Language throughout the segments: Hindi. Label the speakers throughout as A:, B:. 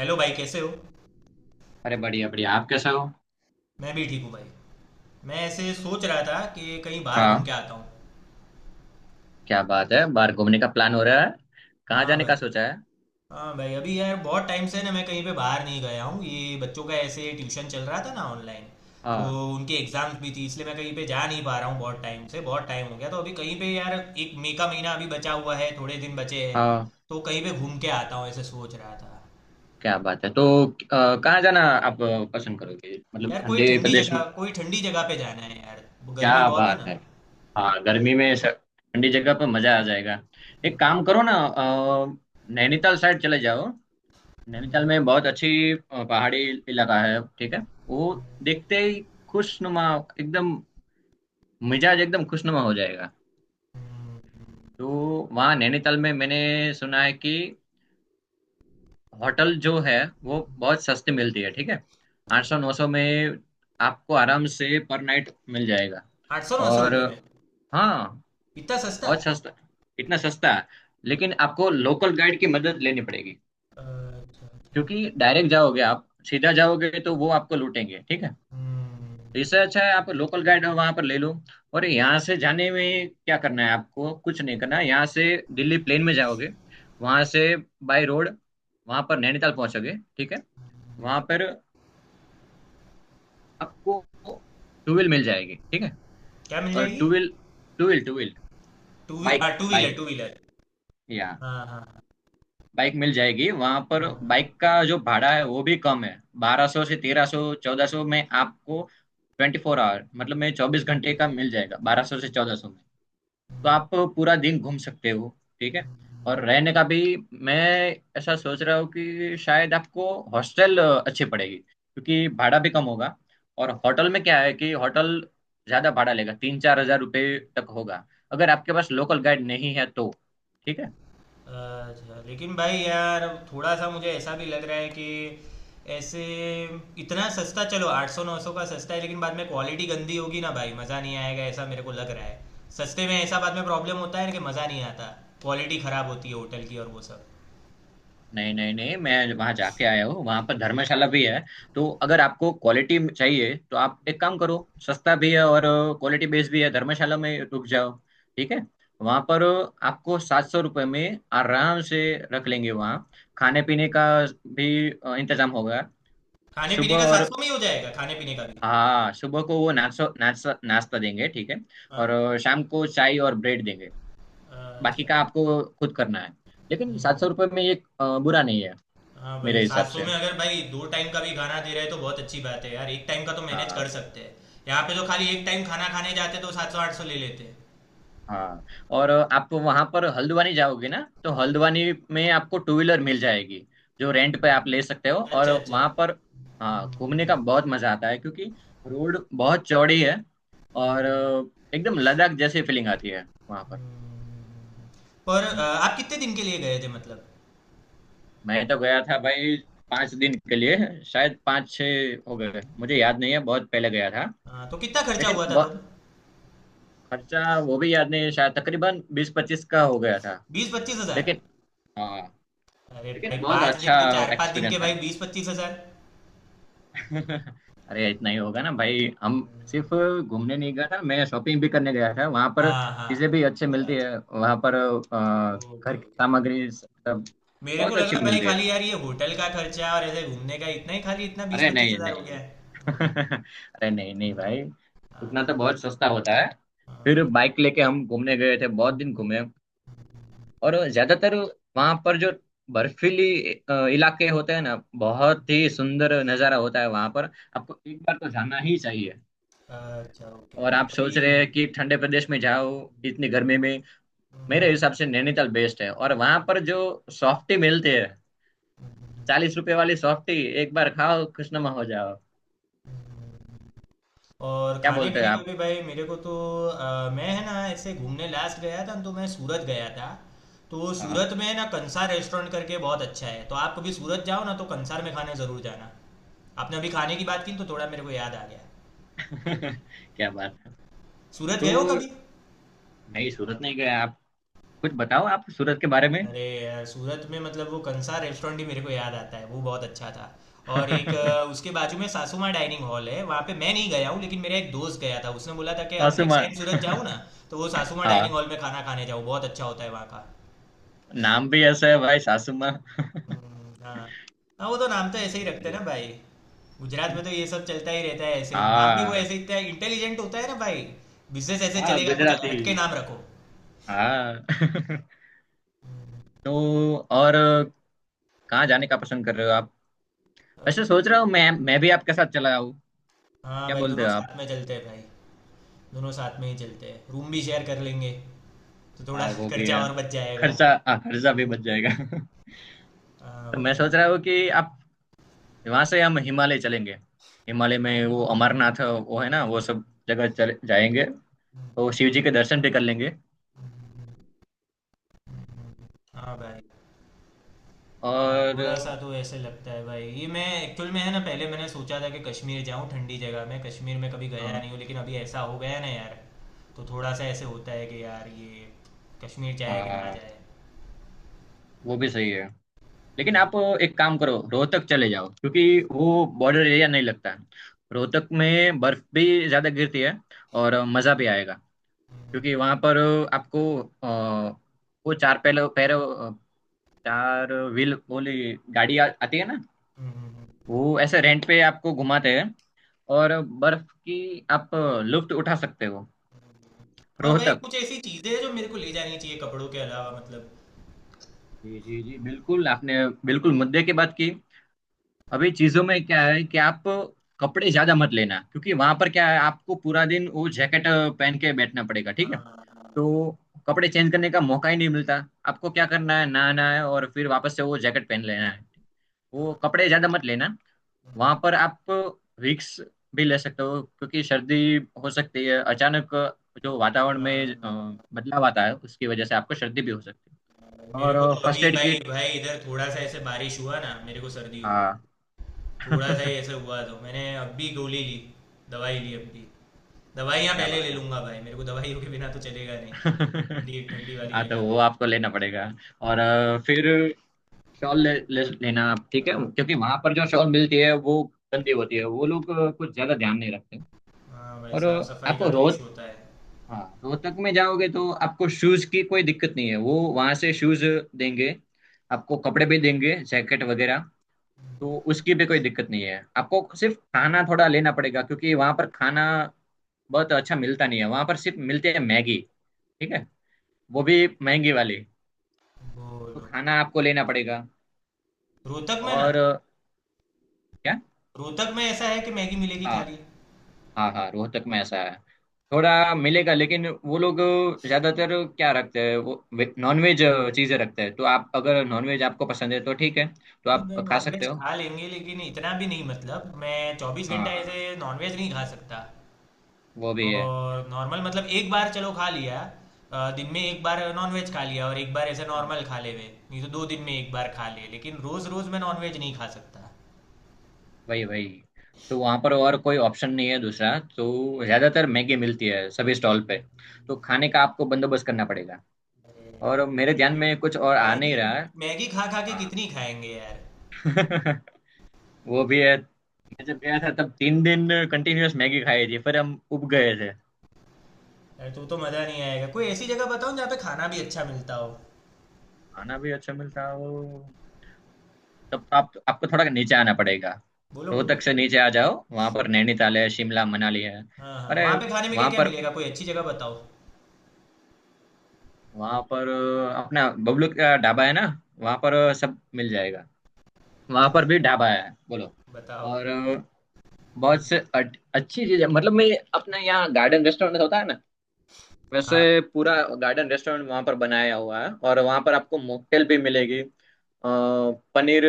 A: हेलो भाई, कैसे हो?
B: अरे बढ़िया बढ़िया, आप कैसे हो।
A: मैं भी ठीक हूँ भाई। मैं ऐसे सोच रहा था कि कहीं बाहर घूम के
B: हाँ।
A: आता हूँ।
B: क्या बात है, बाहर घूमने का प्लान हो रहा है। कहाँ
A: हाँ
B: जाने का
A: भाई।
B: सोचा है।
A: हाँ भाई, अभी यार बहुत टाइम से ना मैं कहीं पे बाहर नहीं गया हूँ, ये बच्चों का ऐसे ट्यूशन चल रहा था ना ऑनलाइन। तो
B: हाँ
A: उनकी एग्ज़ाम्स भी थी, इसलिए मैं कहीं पे जा नहीं पा रहा हूँ बहुत टाइम से, बहुत टाइम हो गया, तो अभी कहीं पे यार, 1 मई का महीना अभी बचा हुआ है, थोड़े दिन बचे हैं,
B: हाँ
A: तो कहीं पे घूम के आता हूँ, ऐसे सोच रहा था।
B: क्या बात है। तो कहाँ जाना आप पसंद करोगे, मतलब
A: यार कोई
B: ठंडे
A: ठंडी
B: प्रदेश
A: जगह,
B: में।
A: कोई ठंडी जगह पे जाना है यार, गर्मी
B: क्या
A: बहुत है
B: बात
A: ना।
B: है। हाँ गर्मी में ठंडी जगह पर मजा आ जाएगा। एक काम करो ना, नैनीताल साइड चले जाओ। नैनीताल में बहुत अच्छी पहाड़ी इलाका है, ठीक है। वो देखते ही खुशनुमा, एकदम मिजाज एकदम खुशनुमा हो जाएगा। तो वहाँ नैनीताल में मैंने सुना है कि होटल जो है वो बहुत सस्ती मिलती है, ठीक है। 800, 900 में आपको आराम से पर नाइट मिल जाएगा।
A: आठ सौ नौ सौ
B: और
A: रुपये में?
B: हाँ,
A: इतना सस्ता?
B: बहुत सस्ता, इतना सस्ता है। लेकिन आपको लोकल गाइड की मदद लेनी पड़ेगी,
A: अच्छा अच्छा।
B: क्योंकि डायरेक्ट जाओगे, आप सीधा जाओगे तो वो आपको लूटेंगे, ठीक है।
A: हम्म।
B: तो इससे अच्छा है आप लोकल गाइड वहां पर ले लो। और यहाँ से जाने में क्या करना है, आपको कुछ नहीं करना है। यहाँ से दिल्ली प्लेन में जाओगे, वहां से बाय रोड वहां पर नैनीताल पहुंचोगे, ठीक है। वहां पर आपको टू व्हील मिल जाएगी, ठीक है।
A: क्या मिल
B: और
A: जाएगी?
B: Two wheel two wheel,
A: two वी
B: बाइक,
A: हाँ, टू व्हीलर टू व्हीलर।
B: या
A: हाँ हाँ
B: बाइक मिल जाएगी वहां पर।
A: हाँ।
B: बाइक का जो भाड़ा है वो भी कम है। 1200 से 1300, 1400 में आपको 24 hour मतलब में 24 घंटे का मिल जाएगा, 1200 से 1400 में। तो आप पूरा दिन घूम सकते हो, ठीक है। और रहने का भी मैं ऐसा सोच रहा हूँ कि शायद आपको हॉस्टल अच्छी पड़ेगी, क्योंकि भाड़ा भी कम होगा। और होटल में क्या है कि होटल ज्यादा भाड़ा लेगा, 3-4 हज़ार रुपये तक होगा, अगर आपके पास लोकल गाइड नहीं है तो। ठीक है।
A: अच्छा, लेकिन भाई यार अब थोड़ा सा मुझे ऐसा भी लग रहा है कि ऐसे इतना सस्ता, चलो 800-900 का सस्ता है, लेकिन बाद में क्वालिटी गंदी होगी ना भाई, मज़ा नहीं आएगा, ऐसा मेरे को लग रहा है। सस्ते में ऐसा बाद में प्रॉब्लम होता है ना कि मज़ा नहीं आता, क्वालिटी खराब होती है होटल की और वो सब।
B: नहीं नहीं नहीं, मैं वहां जाके आया हूँ, वहां पर धर्मशाला भी है। तो अगर आपको क्वालिटी चाहिए तो आप एक काम करो, सस्ता भी है और क्वालिटी बेस्ड भी है, धर्मशाला में रुक जाओ, ठीक है। वहां पर आपको 700 रुपये में आराम से रख लेंगे। वहाँ खाने पीने का भी इंतजाम होगा।
A: खाने पीने
B: सुबह
A: का सात
B: और,
A: सौ में ही हो जाएगा? खाने पीने का भी?
B: हाँ, सुबह को वो नाश्ता नाश्ता नाश्ता देंगे, ठीक है। और
A: हाँ।
B: शाम को चाय और ब्रेड देंगे। बाकी
A: अच्छा
B: का
A: अच्छा।
B: आपको खुद करना है। लेकिन
A: नहीं नहीं
B: सात
A: नहीं
B: सौ
A: नहीं।
B: रुपये में ये बुरा नहीं है
A: हाँ भाई,
B: मेरे
A: सात
B: हिसाब
A: सौ
B: से।
A: में अगर भाई दो टाइम का भी खाना दे रहे हैं तो बहुत अच्छी बात है यार, एक टाइम का तो मैनेज कर
B: हाँ
A: सकते हैं। यहाँ पे तो खाली एक टाइम खाना खाने जाते तो 700-800 ले लेते हैं।
B: हाँ। और आप वहां पर हल्द्वानी जाओगे ना, तो हल्द्वानी में आपको टू व्हीलर मिल जाएगी, जो रेंट पे आप ले सकते हो। और
A: अच्छा अच्छा।
B: वहां पर, हाँ, घूमने का बहुत मजा आता है, क्योंकि रोड बहुत चौड़ी है। और
A: हम्म,
B: एकदम लद्दाख जैसी फीलिंग आती है वहां पर।
A: हम्म। पर
B: हम्म,
A: आप कितने दिन के लिए गए थे मतलब?
B: मैं तो गया था भाई, 5 दिन के लिए, शायद 5-6 हो गए, मुझे याद नहीं है, बहुत पहले गया था।
A: हाँ, तो कितना खर्चा
B: लेकिन
A: हुआ था
B: बहुत
A: तब?
B: खर्चा वो भी याद नहीं है, शायद तकरीबन 20-25 का हो गया था।
A: 20-25 हज़ार?
B: लेकिन हाँ,
A: अरे
B: लेकिन
A: भाई
B: बहुत
A: पाँच
B: अच्छा
A: दिन के, 4-5 दिन के
B: एक्सपीरियंस
A: भाई
B: था।
A: 20-25 हज़ार।
B: अरे इतना ही होगा ना भाई, हम सिर्फ
A: हम्म,
B: घूमने नहीं गया था, मैं शॉपिंग भी करने गया था। वहां पर
A: हाँ हाँ।
B: चीजें भी अच्छे
A: अच्छा
B: मिलती
A: अच्छा।
B: है वहां पर।
A: ओके
B: घर की
A: ओके।
B: सामग्री सब
A: मेरे को
B: बहुत अच्छी
A: लगा भाई
B: मिलती है।
A: खाली यार ये होटल का खर्चा और ऐसे घूमने का, इतना ही खाली इतना बीस
B: अरे
A: पच्चीस
B: नहीं
A: हजार हो गया
B: नहीं।
A: है। हम्म,
B: अरे नहीं नहीं
A: हम्म,
B: भाई, उतना तो
A: हाँ,
B: बहुत सस्ता होता है। फिर
A: हाँ,
B: बाइक लेके हम घूमने गए थे, बहुत दिन
A: हम्म,
B: घूमे। और
A: हम्म,
B: ज्यादातर वहां पर जो बर्फीली इलाके होते हैं ना, बहुत ही सुंदर नजारा होता है वहां पर। आपको एक बार तो जाना ही चाहिए।
A: अच्छा। ओके
B: और
A: ओके,
B: आप
A: कभी।
B: सोच रहे हैं कि ठंडे प्रदेश में जाओ इतनी गर्मी में, मेरे हिसाब से नैनीताल बेस्ट है। और वहां पर जो सॉफ्टी मिलती है, 40 रुपए वाली सॉफ्टी, एक बार खाओ खुशनुमा हो जाओ।
A: और
B: क्या
A: खाने
B: बोलते हैं
A: पीने का
B: आप।
A: भी भाई मेरे को तो, मैं है ना ऐसे घूमने लास्ट गया था न, तो मैं सूरत गया था। तो
B: हाँ।
A: सूरत में है ना कंसार रेस्टोरेंट करके बहुत अच्छा है, तो आप कभी सूरत जाओ ना तो कंसार में खाने ज़रूर जाना। आपने अभी खाने की बात की तो थोड़ा मेरे को याद आ गया।
B: क्या बात है।
A: सूरत
B: तो
A: गए हो कभी?
B: नहीं, सूरत नहीं गए आप। कुछ बताओ आप सूरत के बारे में।
A: अरे यार सूरत में मतलब वो कंसार रेस्टोरेंट ही मेरे को याद आता है, वो बहुत अच्छा था। और एक उसके बाजू में सासुमा डाइनिंग हॉल है, वहाँ पे मैं नहीं गया हूँ लेकिन मेरा एक दोस्त गया था, उसने बोला था कि अब
B: सासुमा।
A: नेक्स्ट टाइम सूरत जाऊँ ना तो वो सासुमा डाइनिंग
B: हाँ,
A: हॉल में खाना खाने जाओ, बहुत अच्छा होता है वहाँ का।
B: नाम भी ऐसा है भाई, सासुमा।
A: हाँ। हाँ वो तो नाम तो ऐसे ही
B: बढ़िया
A: रखते हैं
B: बढ़िया।
A: ना भाई। गुजरात में तो ये सब चलता ही रहता है, ऐसे नाम भी वो
B: हाँ
A: ऐसे इतना इंटेलिजेंट होता है ना भाई, बिजनेस ऐसे
B: हाँ
A: चलेगा, कुछ
B: गुजराती,
A: हटके नाम रखो।
B: हाँ। तो और कहाँ जाने का पसंद कर रहे हो आप। वैसे
A: अभी।
B: सोच रहा हूँ, मैं भी आपके साथ चला।
A: हाँ
B: क्या
A: भाई,
B: बोलते
A: दोनों
B: हो आप।
A: साथ में चलते हैं भाई। दोनों साथ में ही चलते हैं, रूम भी शेयर कर लेंगे, तो थोड़ा
B: हाँ वो भी
A: खर्चा
B: है,
A: और बच जाएगा।
B: खर्चा, हाँ खर्चा भी बच जाएगा।
A: हाँ
B: तो मैं
A: भाई।
B: सोच रहा हूँ कि आप वहां से हम हिमालय चलेंगे। हिमालय में वो अमरनाथ वो है ना, वो सब जगह चले जाएंगे, तो शिव जी के दर्शन भी कर लेंगे।
A: हाँ भाई। हाँ,
B: और
A: थोड़ा सा तो ऐसे लगता है भाई ये, मैं एक्चुअल में है ना पहले मैंने सोचा था कि कश्मीर जाऊँ, ठंडी जगह में, कश्मीर में कभी गया
B: हाँ
A: नहीं हूँ, लेकिन अभी ऐसा हो गया ना यार, तो थोड़ा सा ऐसे होता है कि यार ये कश्मीर जाए कि ना
B: हाँ,
A: जाए।
B: वो भी सही है। लेकिन आप एक काम करो, रोहतक चले जाओ, क्योंकि वो बॉर्डर एरिया नहीं लगता है। रोहतक में बर्फ भी ज्यादा गिरती है और मजा भी आएगा,
A: हम्म,
B: क्योंकि
A: हम्म,
B: वहां पर आपको अ, वो चार पैर पैर अ, चार व्हील वाली गाड़ी आती है ना।
A: हम्म, हम्म।
B: वो ऐसे रेंट पे आपको घुमाते हैं, और बर्फ की आप लुफ्त उठा सकते हो
A: और भाई
B: रोहतक।
A: कुछ ऐसी चीजें हैं जो मेरे को ले जानी चाहिए कपड़ों के अलावा मतलब?
B: जी जी जी, बिल्कुल आपने बिल्कुल मुद्दे की बात की। अभी चीजों में क्या है कि आप कपड़े ज्यादा मत लेना, क्योंकि वहां पर क्या है, आपको पूरा दिन वो जैकेट पहन के बैठना पड़ेगा, ठीक है।
A: हाँ,
B: तो कपड़े चेंज करने का मौका ही नहीं मिलता। आपको क्या करना है, नहाना है और फिर वापस से वो जैकेट पहन लेना है। वो कपड़े ज्यादा मत लेना। वहां पर आप विक्स भी ले सकते हो, क्योंकि सर्दी हो सकती है अचानक, जो वातावरण में
A: हाँ,
B: बदलाव आता है उसकी वजह से आपको सर्दी भी हो सकती है।
A: मेरे को तो
B: और फर्स्ट
A: अभी
B: एड
A: भाई,
B: किट,
A: इधर थोड़ा सा ऐसे बारिश हुआ ना, मेरे को सर्दी हो
B: हाँ।
A: गई, थोड़ा सा ही ऐसे हुआ तो मैंने अभी गोली ली, दवाई ली अभी। दवाइयाँ
B: क्या
A: पहले ले
B: बात
A: लूंगा भाई, मेरे को दवाइयों के बिना तो चलेगा
B: है।
A: नहीं ठंडी ठंडी वाली
B: हाँ,
A: जगह
B: तो वो
A: पे।
B: आपको लेना पड़ेगा। और फिर शॉल ले, ले, लेना आप, ठीक है,
A: हाँ।
B: क्योंकि वहां पर जो शॉल मिलती है वो गंदी होती है, वो लोग कुछ ज्यादा ध्यान नहीं रखते।
A: हाँ भाई
B: और
A: साफ सफाई का
B: आपको
A: तो इशू
B: रोहत
A: होता है।
B: हाँ, रोहतक में जाओगे तो आपको शूज की कोई दिक्कत नहीं है, वो वहां से शूज देंगे, आपको कपड़े भी देंगे, जैकेट वगैरह, तो उसकी भी कोई दिक्कत नहीं है। आपको सिर्फ खाना थोड़ा लेना पड़ेगा, क्योंकि वहां पर खाना बहुत अच्छा मिलता नहीं है। वहां पर सिर्फ मिलते हैं मैगी, ठीक है, वो भी महंगी वाली। तो
A: बोलो।
B: खाना आपको लेना पड़ेगा।
A: रोहतक में ना?
B: और क्या,
A: रोहतक में ऐसा है कि मैगी मिलेगी
B: हाँ
A: खाली?
B: हाँ हाँ, रोहतक में ऐसा है। थोड़ा मिलेगा लेकिन वो लोग ज्यादातर क्या रखते हैं, वो नॉनवेज चीजें रखते हैं। तो आप अगर नॉनवेज आपको पसंद है तो ठीक है, तो
A: नहीं
B: आप
A: मैं
B: खा सकते
A: नॉनवेज
B: हो।
A: खा लेंगे लेकिन इतना भी नहीं, मतलब मैं 24 घंटा ऐसे
B: हाँ
A: नॉनवेज नहीं खा सकता।
B: वो भी है।
A: और नॉर्मल मतलब एक बार चलो खा लिया, दिन में एक बार नॉनवेज खा लिया और एक बार ऐसे
B: हाँ
A: नॉर्मल खा ले नहीं तो दो दिन में एक बार खा ले, लेकिन रोज रोज मैं नॉनवेज नहीं खा सकता।
B: वही वही। तो वहाँ पर और कोई ऑप्शन नहीं है दूसरा, तो ज्यादातर मैगी मिलती है सभी स्टॉल पे। तो खाने का आपको बंदोबस्त करना पड़ेगा।
A: अरे यार।
B: और मेरे ध्यान
A: मैगी
B: में कुछ और आ नहीं
A: मैगी
B: रहा है।
A: मैगी खा खा के
B: हाँ।
A: कितनी खाएंगे यार।
B: वो भी है, मैं जब गया था तब 3 दिन कंटिन्यूअस मैगी खाई थी, फिर हम उब गए थे।
A: अरे तो मज़ा नहीं आएगा, कोई ऐसी जगह बताओ जहाँ पे खाना भी अच्छा मिलता हो।
B: खाना भी अच्छा मिलता है वो, तब तो आप आपको थोड़ा नीचे आना पड़ेगा।
A: बोलो बोलो।
B: रोहतक से नीचे आ जाओ, वहां पर नैनीताल है, शिमला मनाली है।
A: हाँ हाँ,
B: अरे
A: वहाँ पे खाने में क्या
B: वहां
A: क्या
B: पर,
A: मिलेगा, कोई अच्छी जगह बताओ?
B: वहां पर अपना बबलू का ढाबा है ना, वहां पर सब मिल जाएगा। वहां
A: अ,
B: पर भी ढाबा है, बोलो।
A: बताओ।
B: और बहुत से अच्छी चीज है, मतलब मैं, अपना यहाँ गार्डन रेस्टोरेंट होता है ना, वैसे
A: हाँ,
B: पूरा गार्डन रेस्टोरेंट वहां पर बनाया हुआ है। और वहां पर आपको मॉकटेल भी मिलेगी, पनीर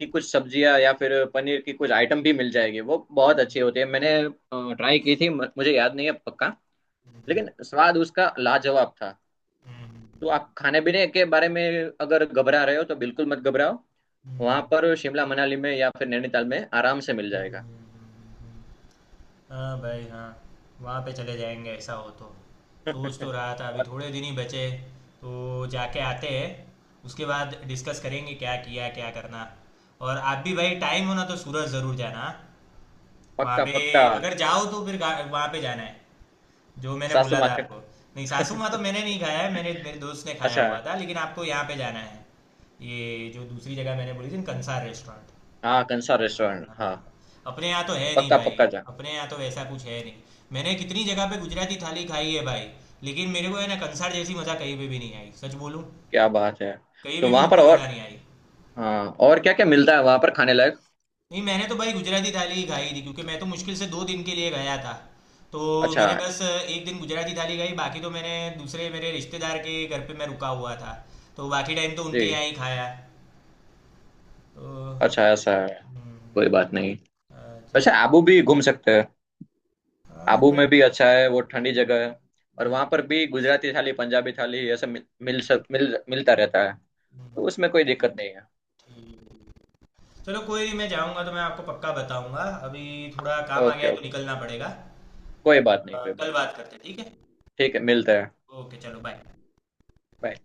B: की कुछ सब्जियां या फिर पनीर की कुछ आइटम भी मिल जाएगी, वो बहुत अच्छी होती है। मैंने ट्राई की थी, मुझे याद नहीं है पक्का, लेकिन स्वाद उसका लाजवाब था।
A: हम्म,
B: तो आप खाने पीने के बारे में अगर घबरा रहे हो तो बिल्कुल मत घबराओ, वहां
A: हम्म,
B: पर शिमला मनाली में या फिर नैनीताल में आराम से मिल जाएगा।
A: हम्म। हाँ भाई हाँ, वहाँ पे चले जाएंगे ऐसा हो तो। सोच तो रहा था अभी
B: और
A: थोड़े दिन ही बचे, तो जाके आते हैं, उसके बाद डिस्कस करेंगे क्या किया क्या करना। और आप भी भाई टाइम हो ना तो सूरत ज़रूर जाना हाँ? वहाँ
B: पक्का पक्का।
A: पे अगर जाओ तो फिर वहाँ पे जाना है, जो मैंने
B: सासू
A: बोला
B: माँ
A: था
B: का-।
A: आपको। नहीं सासू माँ तो मैंने नहीं खाया है, मैंने, मेरे दोस्त ने खाया
B: अच्छा,
A: हुआ था, लेकिन आपको यहाँ पे जाना है, ये जो दूसरी जगह मैंने बोली थी ना, कंसार रेस्टोरेंट।
B: हाँ, कंसार रेस्टोरेंट, हाँ।
A: हाँ। अपने यहाँ तो है नहीं
B: पक्का
A: भाई,
B: पक्का जा।
A: अपने यहाँ तो वैसा कुछ है नहीं। मैंने कितनी जगह पे गुजराती थाली खाई है भाई, लेकिन मेरे को है ना कंसार जैसी मज़ा कहीं पे भी नहीं आई, सच बोलूँ,
B: क्या बात है।
A: कहीं
B: तो
A: पे भी
B: वहां पर,
A: उतनी मज़ा
B: और
A: नहीं आई।
B: हाँ, और क्या क्या मिलता है वहां पर खाने लायक।
A: नहीं मैंने तो भाई गुजराती थाली ही खाई थी, क्योंकि मैं तो मुश्किल से 2 दिन के लिए गया था, तो
B: अच्छा।
A: मैंने बस एक दिन गुजराती थाली खाई, बाकी तो मैंने दूसरे मेरे रिश्तेदार के घर पे मैं रुका हुआ था, तो बाकी टाइम तो उनके
B: जी।
A: यहाँ ही खाया तो।
B: अच्छा, ऐसा है। कोई
A: हम्म,
B: बात नहीं।
A: अच्छा।
B: अच्छा आबू भी घूम सकते हैं।
A: हाँ
B: आबू में
A: भाई।
B: भी अच्छा है, वो ठंडी जगह है। और वहां पर भी गुजराती थाली, पंजाबी थाली ऐसा मिल मिल सक मिल मिलता रहता है। तो
A: हम्म,
B: उसमें कोई
A: ठीक
B: दिक्कत नहीं है।
A: है ठीक है। चलो कोई नहीं, मैं जाऊंगा तो मैं आपको पक्का बताऊंगा। अभी थोड़ा काम आ
B: ओके
A: गया है तो
B: ओके,
A: निकलना पड़ेगा।
B: कोई बात नहीं कोई
A: कल
B: बात नहीं।
A: बात करते हैं ठीक है?
B: ठीक है, मिलते हैं।
A: ओके चलो बाय।
B: Bye.